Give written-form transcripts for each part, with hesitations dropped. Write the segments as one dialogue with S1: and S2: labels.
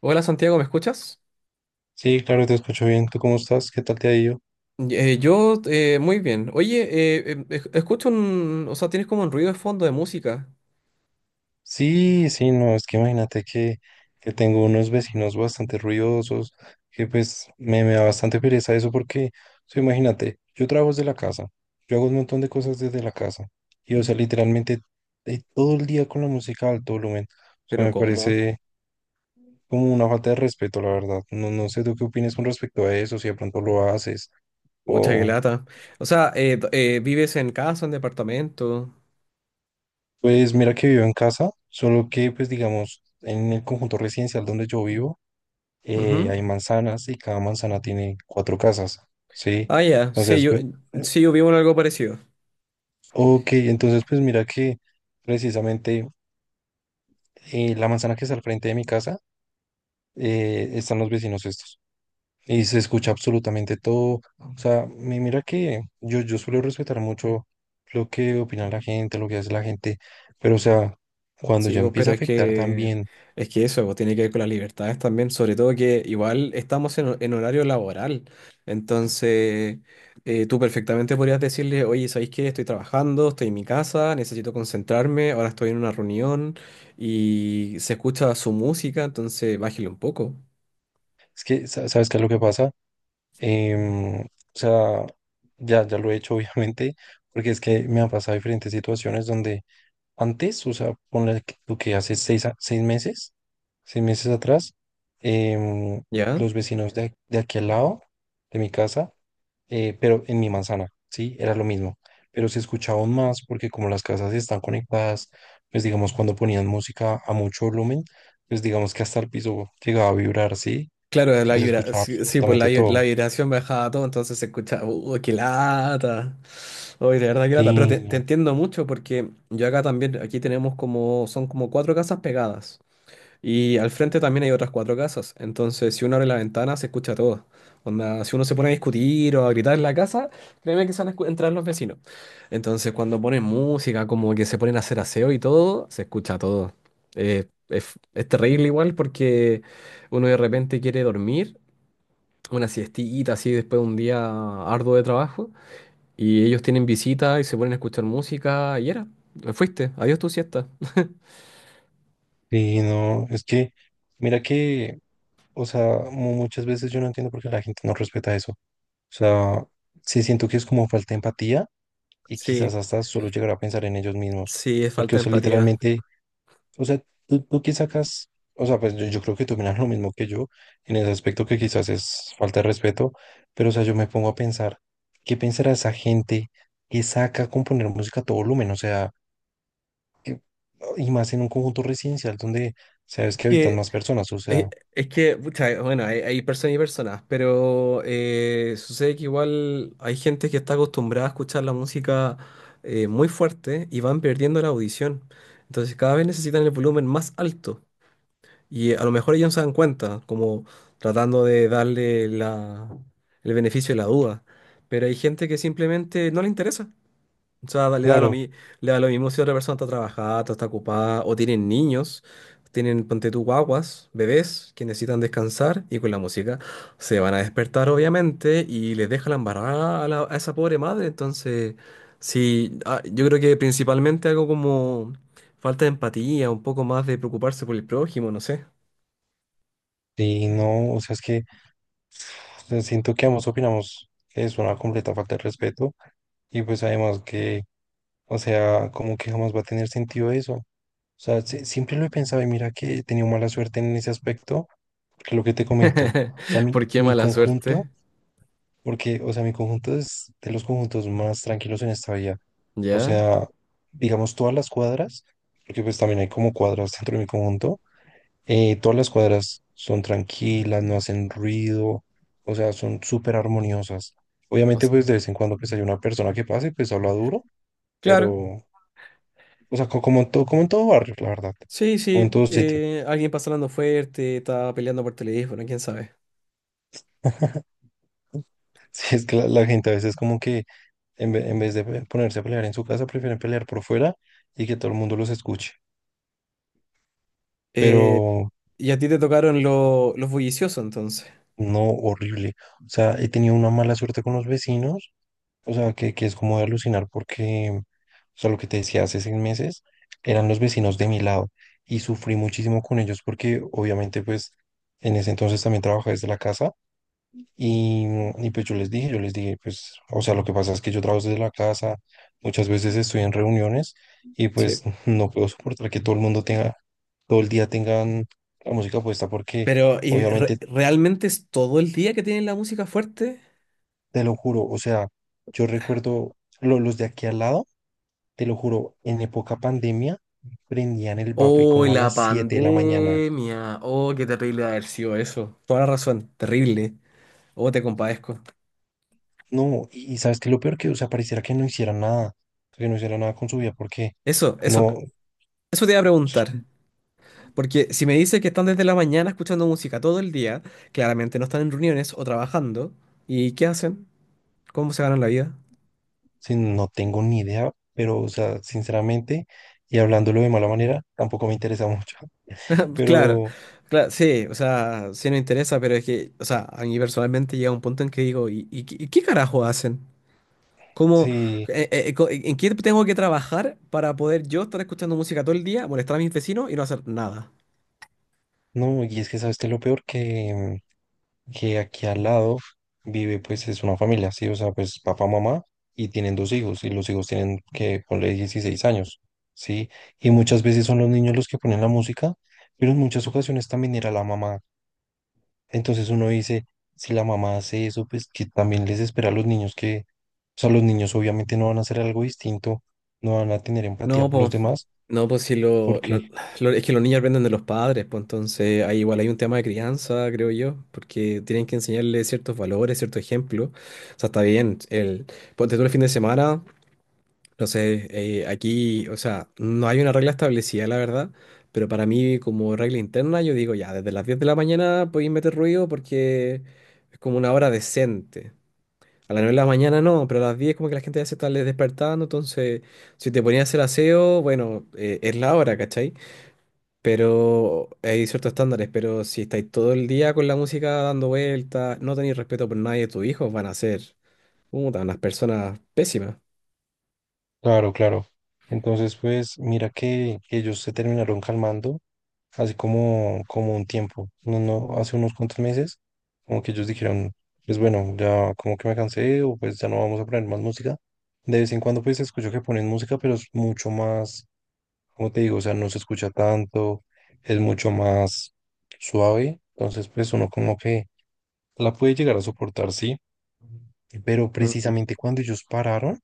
S1: Hola Santiago, ¿me escuchas?
S2: Sí, claro, te escucho bien. ¿Tú cómo estás? ¿Qué tal te ha ido?
S1: Yo muy bien. Oye, escucho un... O sea, tienes como un ruido de fondo de música.
S2: Sí, sí, no, es que imagínate que tengo unos vecinos bastante ruidosos, que pues me da bastante pereza eso porque, o sea, imagínate, yo trabajo desde la casa, yo hago un montón de cosas desde la casa, y o sea, literalmente todo el día con la música a alto volumen, o sea,
S1: Pero
S2: me
S1: ¿cómo?
S2: parece como una falta de respeto, la verdad. No, no sé tú qué opinas con respecto a eso, si de pronto lo haces,
S1: Pucha, qué
S2: o.
S1: lata. O sea, ¿vives en casa, en departamento?
S2: Pues mira que vivo en casa, solo que pues digamos en el conjunto residencial donde yo vivo
S1: Ujú.
S2: hay manzanas y cada manzana tiene cuatro casas, ¿sí?
S1: Ah, ya. Sí,
S2: Entonces, pues,
S1: sí, yo vivo en algo parecido.
S2: ok, entonces pues mira que precisamente la manzana que está al frente de mi casa están los vecinos estos y se escucha absolutamente todo, o sea, mira que yo suelo respetar mucho lo que opina la gente, lo que hace la gente, pero o sea, cuando
S1: Sí,
S2: ya
S1: vos,
S2: empieza
S1: pero
S2: a
S1: es
S2: afectar
S1: que
S2: también.
S1: es que eso vos, tiene que ver con las libertades también, sobre todo que igual estamos en horario laboral. Entonces, tú perfectamente podrías decirle, oye, ¿sabéis qué? Estoy trabajando, estoy en mi casa, necesito concentrarme, ahora estoy en una reunión y se escucha su música, entonces bájale un poco,
S2: Es que, ¿sabes qué es lo que pasa? O sea, ya lo he hecho, obviamente, porque es que me han pasado diferentes situaciones donde antes, o sea, ponle tú que hace seis meses atrás, em,
S1: ¿ya?
S2: los vecinos de aquí al lado de mi casa, pero en mi manzana, sí, era lo mismo, pero se escuchaba aún más porque como las casas están conectadas, pues digamos, cuando ponían música a mucho volumen, pues digamos que hasta el piso llegaba a vibrar, sí,
S1: Claro,
S2: o
S1: la
S2: sea, se
S1: vibra,
S2: escuchaba
S1: sí, sí, pues
S2: absolutamente
S1: la
S2: todo.
S1: vibración me bajaba todo, entonces se escuchaba, uy, ¡qué lata! Uy, de verdad, qué lata. Pero
S2: Sí,
S1: te
S2: no.
S1: entiendo mucho porque yo acá también, aquí tenemos como, son como cuatro casas pegadas. Y al frente también hay otras cuatro casas. Entonces, si uno abre la ventana, se escucha todo. Onda, si uno se pone a discutir o a gritar en la casa, créeme que se van a entrar los vecinos. Entonces, cuando ponen música, como que se ponen a hacer aseo y todo, se escucha todo. Es terrible igual porque uno de repente quiere dormir, una siestita así después de un día arduo de trabajo, y ellos tienen visita y se ponen a escuchar música y era, fuiste, adiós tu siesta.
S2: Y no, es que, mira que, o sea, muchas veces yo no entiendo por qué la gente no respeta eso. O sea, sí siento que es como falta de empatía y
S1: Sí,
S2: quizás hasta solo llegar a pensar en ellos mismos.
S1: sí, es
S2: Porque,
S1: falta
S2: o
S1: de
S2: sea,
S1: empatía.
S2: literalmente, o sea, tú qué sacas, o sea, pues yo creo que tú miras lo mismo que yo en ese aspecto que quizás es falta de respeto, pero, o sea, yo me pongo a pensar, ¿qué pensará esa gente que saca componer música a todo volumen? O sea, y más en un conjunto residencial donde sabes que habitan
S1: Que
S2: más personas, o
S1: Es,
S2: sea.
S1: es que, pucha, bueno, hay personas y personas, pero sucede que igual hay gente que está acostumbrada a escuchar la música muy fuerte y van perdiendo la audición. Entonces cada vez necesitan el volumen más alto y a lo mejor ellos no se dan cuenta, como tratando de darle el beneficio de la duda. Pero hay gente que simplemente no le interesa. O sea,
S2: Claro,
S1: le da lo mismo si otra persona está trabajada, está ocupada, o tienen niños, tienen, ponte tú, guaguas, bebés que necesitan descansar y con la música se van a despertar, obviamente, y les deja la embarrada a esa pobre madre. Entonces, sí, ah, yo creo que principalmente algo como falta de empatía, un poco más de preocuparse por el prójimo, no sé.
S2: y no, o sea, es que o sea, siento que ambos opinamos que es una completa falta de respeto y pues además que, o sea, como que jamás va a tener sentido eso. O sea, siempre lo he pensado y mira que he tenido mala suerte en ese aspecto, porque lo que te comento, o sea, mi,
S1: ¿Por qué
S2: mi
S1: mala
S2: conjunto,
S1: suerte?
S2: porque, o sea, mi conjunto es de los conjuntos más tranquilos en esta vida. O
S1: ¿Ya?
S2: sea, digamos todas las cuadras, porque pues también hay como cuadras dentro de mi conjunto. Todas las cuadras son tranquilas, no hacen ruido, o sea, son súper armoniosas.
S1: O
S2: Obviamente,
S1: sea,
S2: pues de vez en cuando pues hay una persona que pase, pues habla duro,
S1: claro.
S2: pero, o sea, como en todo barrio, la verdad,
S1: Sí,
S2: como en
S1: sí,
S2: todo sitio.
S1: alguien pasa hablando fuerte, está peleando por teléfono, quién sabe.
S2: Si es que la gente a veces como que en vez de ponerse a pelear en su casa, prefieren pelear por fuera y que todo el mundo los escuche.
S1: Eh,
S2: Pero
S1: ¿Y a ti te tocaron los bulliciosos entonces?
S2: no, horrible. O sea, he tenido una mala suerte con los vecinos. O sea, que es como de alucinar porque, o sea, lo que te decía hace 6 meses, eran los vecinos de mi lado y sufrí muchísimo con ellos porque obviamente pues en ese entonces también trabajaba desde la casa y, y pues yo les dije, pues, o sea, lo que pasa es que yo trabajo desde la casa, muchas veces estoy en reuniones y pues
S1: Sí.
S2: no puedo soportar que todo el mundo tenga, todo el día tengan la música puesta porque
S1: Pero ¿y
S2: obviamente,
S1: realmente es todo el día que tienen la música fuerte?
S2: te lo juro, o sea, yo recuerdo los de aquí al lado. Te lo juro, en época pandemia prendían el buffet
S1: Oh,
S2: como a
S1: la
S2: las 7 de la mañana.
S1: pandemia. Oh, qué terrible haber sido eso. Toda la razón, terrible. Oh, te compadezco.
S2: No, y sabes que lo peor que, o sea, pareciera que no hicieran nada, que no hicieran nada con su vida, porque
S1: Eso, eso,
S2: no,
S1: eso te iba a preguntar.
S2: s-
S1: Porque si me dices que están desde la mañana escuchando música todo el día, claramente no están en reuniones o trabajando. ¿Y qué hacen? ¿Cómo se ganan la vida?
S2: sí, no tengo ni idea, pero, o sea, sinceramente, y hablándolo de mala manera, tampoco me interesa mucho.
S1: Claro,
S2: Pero
S1: claro, sí, o sea, sí nos interesa, pero es que, o sea, a mí personalmente llega un punto en que digo, ¿y qué carajo hacen? ¿Cómo,
S2: sí,
S1: en qué tengo que trabajar para poder yo estar escuchando música todo el día, molestar a mis vecinos y no hacer nada?
S2: no, y es que sabes que lo peor que aquí al lado vive, pues es una familia, sí, o sea, pues papá, mamá, y tienen dos hijos, y los hijos tienen que ponle 16 años, sí, y muchas veces son los niños los que ponen la música, pero en muchas ocasiones también era la mamá. Entonces uno dice, si la mamá hace eso, pues que también les espera a los niños que, o sea, los niños obviamente no van a hacer algo distinto, no van a tener empatía
S1: No,
S2: por los
S1: pues,
S2: demás,
S1: no, pues si
S2: porque
S1: es que los niños aprenden de los padres, pues entonces ahí igual hay un tema de crianza, creo yo, porque tienen que enseñarles ciertos valores, ciertos ejemplos. O sea, está bien. Ponte tú el fin de semana. No sé, aquí, o sea, no hay una regla establecida, la verdad, pero para mí como regla interna yo digo, ya, desde las 10 de la mañana podéis meter ruido porque es como una hora decente. A las 9 de la mañana no, pero a las 10 como que la gente ya se está despertando, entonces si te ponías a hacer aseo, bueno, es la hora, ¿cachai? Pero hay ciertos estándares, pero si estáis todo el día con la música dando vueltas, no tenéis respeto por nadie, tus hijos van a ser, puta, unas personas pésimas.
S2: claro, claro. Entonces, pues mira que ellos se terminaron calmando hace como un tiempo, no, no, hace unos cuantos meses, como que ellos dijeron, pues bueno, ya como que me cansé o pues ya no vamos a poner más música. De vez en cuando pues escucho que ponen música, pero es mucho más, como te digo, o sea, no se escucha tanto, es mucho más suave, entonces pues uno como que la puede llegar a soportar, sí, pero
S1: Mm.
S2: precisamente cuando ellos pararon,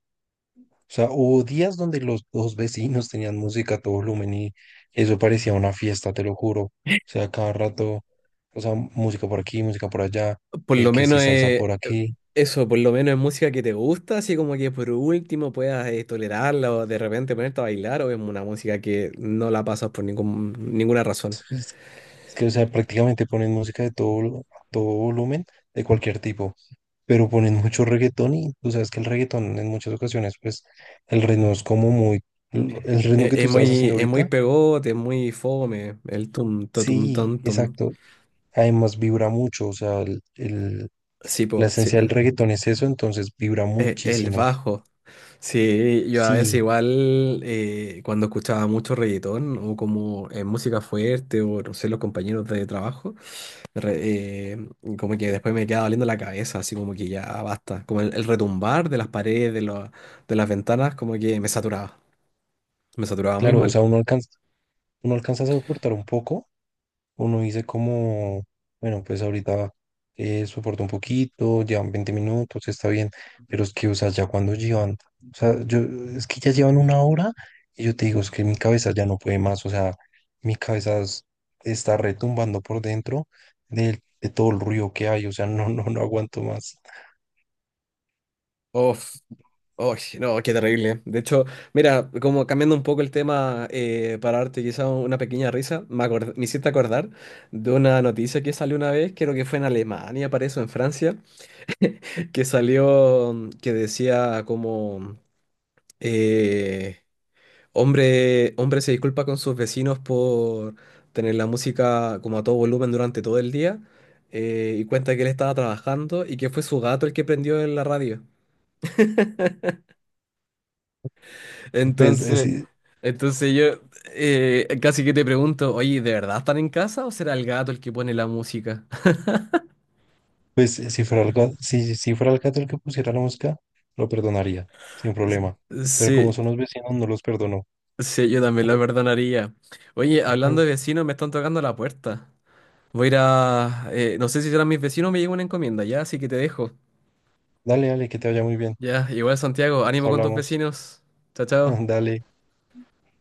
S2: o sea, hubo días donde los dos vecinos tenían música a todo volumen y eso parecía una fiesta, te lo juro. O sea, cada rato, o sea, música por aquí, música por allá,
S1: Por lo
S2: que
S1: menos
S2: si salsa
S1: es
S2: por aquí.
S1: eso, por lo menos es música que te gusta, así como que por último puedas tolerarla o de repente ponerte a bailar, o es una música que no la pasas por ninguna razón.
S2: Es, es que, o sea, prácticamente ponen música de todo, a todo volumen, de cualquier tipo. Pero ponen mucho reggaetón y tú sabes que el reggaetón en muchas ocasiones, pues, el ritmo es como muy. El ritmo que tú
S1: Es
S2: estabas haciendo
S1: es muy
S2: ahorita,
S1: pegote, es muy fome, el tum, ta, tum,
S2: sí,
S1: tan, tum.
S2: exacto. Además vibra mucho, o sea, el,
S1: Sí,
S2: la
S1: po, sí.
S2: esencia del reggaetón es eso, entonces vibra
S1: El
S2: muchísimo.
S1: bajo. Sí, yo a veces
S2: Sí,
S1: igual cuando escuchaba mucho reggaetón o como música fuerte o no sé, los compañeros de trabajo. re- eh, Como que después me queda doliendo la cabeza, así como que ya basta. Como el retumbar de las paredes, de las ventanas, como que me saturaba. Me saturaba muy
S2: claro, o sea,
S1: mal.
S2: uno alcanza a soportar un poco, uno dice como, bueno, pues ahorita soporto un poquito, llevan 20 minutos, está bien, pero es que, o sea, ya cuando llevan, o sea, yo, es que ya llevan una hora y yo te digo, es que mi cabeza ya no puede más, o sea, mi cabeza está retumbando por dentro de todo el ruido que hay, o sea, no, no, no aguanto más.
S1: Uf, uy, no, qué terrible. De hecho, mira, como cambiando un poco el tema para darte quizá una pequeña risa, me hiciste acordar de una noticia que salió una vez, creo que fue en Alemania, parece, o en Francia, que salió, mm, que decía como... eh, hombre se disculpa con sus vecinos por tener la música como a todo volumen durante todo el día y cuenta que él estaba trabajando y que fue su gato el que prendió en la radio.
S2: Pues es,
S1: Entonces, yo casi que te pregunto, oye, ¿de verdad están en casa o será el gato el que pone la música?
S2: Pues, si fuera el gato, si fuera el gato el que pusiera la música, lo perdonaría, sin problema. Pero como
S1: Sí,
S2: son los vecinos, no los perdono.
S1: sí, yo también lo perdonaría. Oye, hablando de vecinos, me están tocando la puerta. Voy a ir a... no sé si serán mis vecinos o me llegó una encomienda ya, así que te dejo.
S2: Dale, dale, que te vaya muy bien.
S1: Ya, igual Santiago,
S2: Nos
S1: ánimo con tus
S2: hablamos.
S1: vecinos. Chao, chao.
S2: Dale.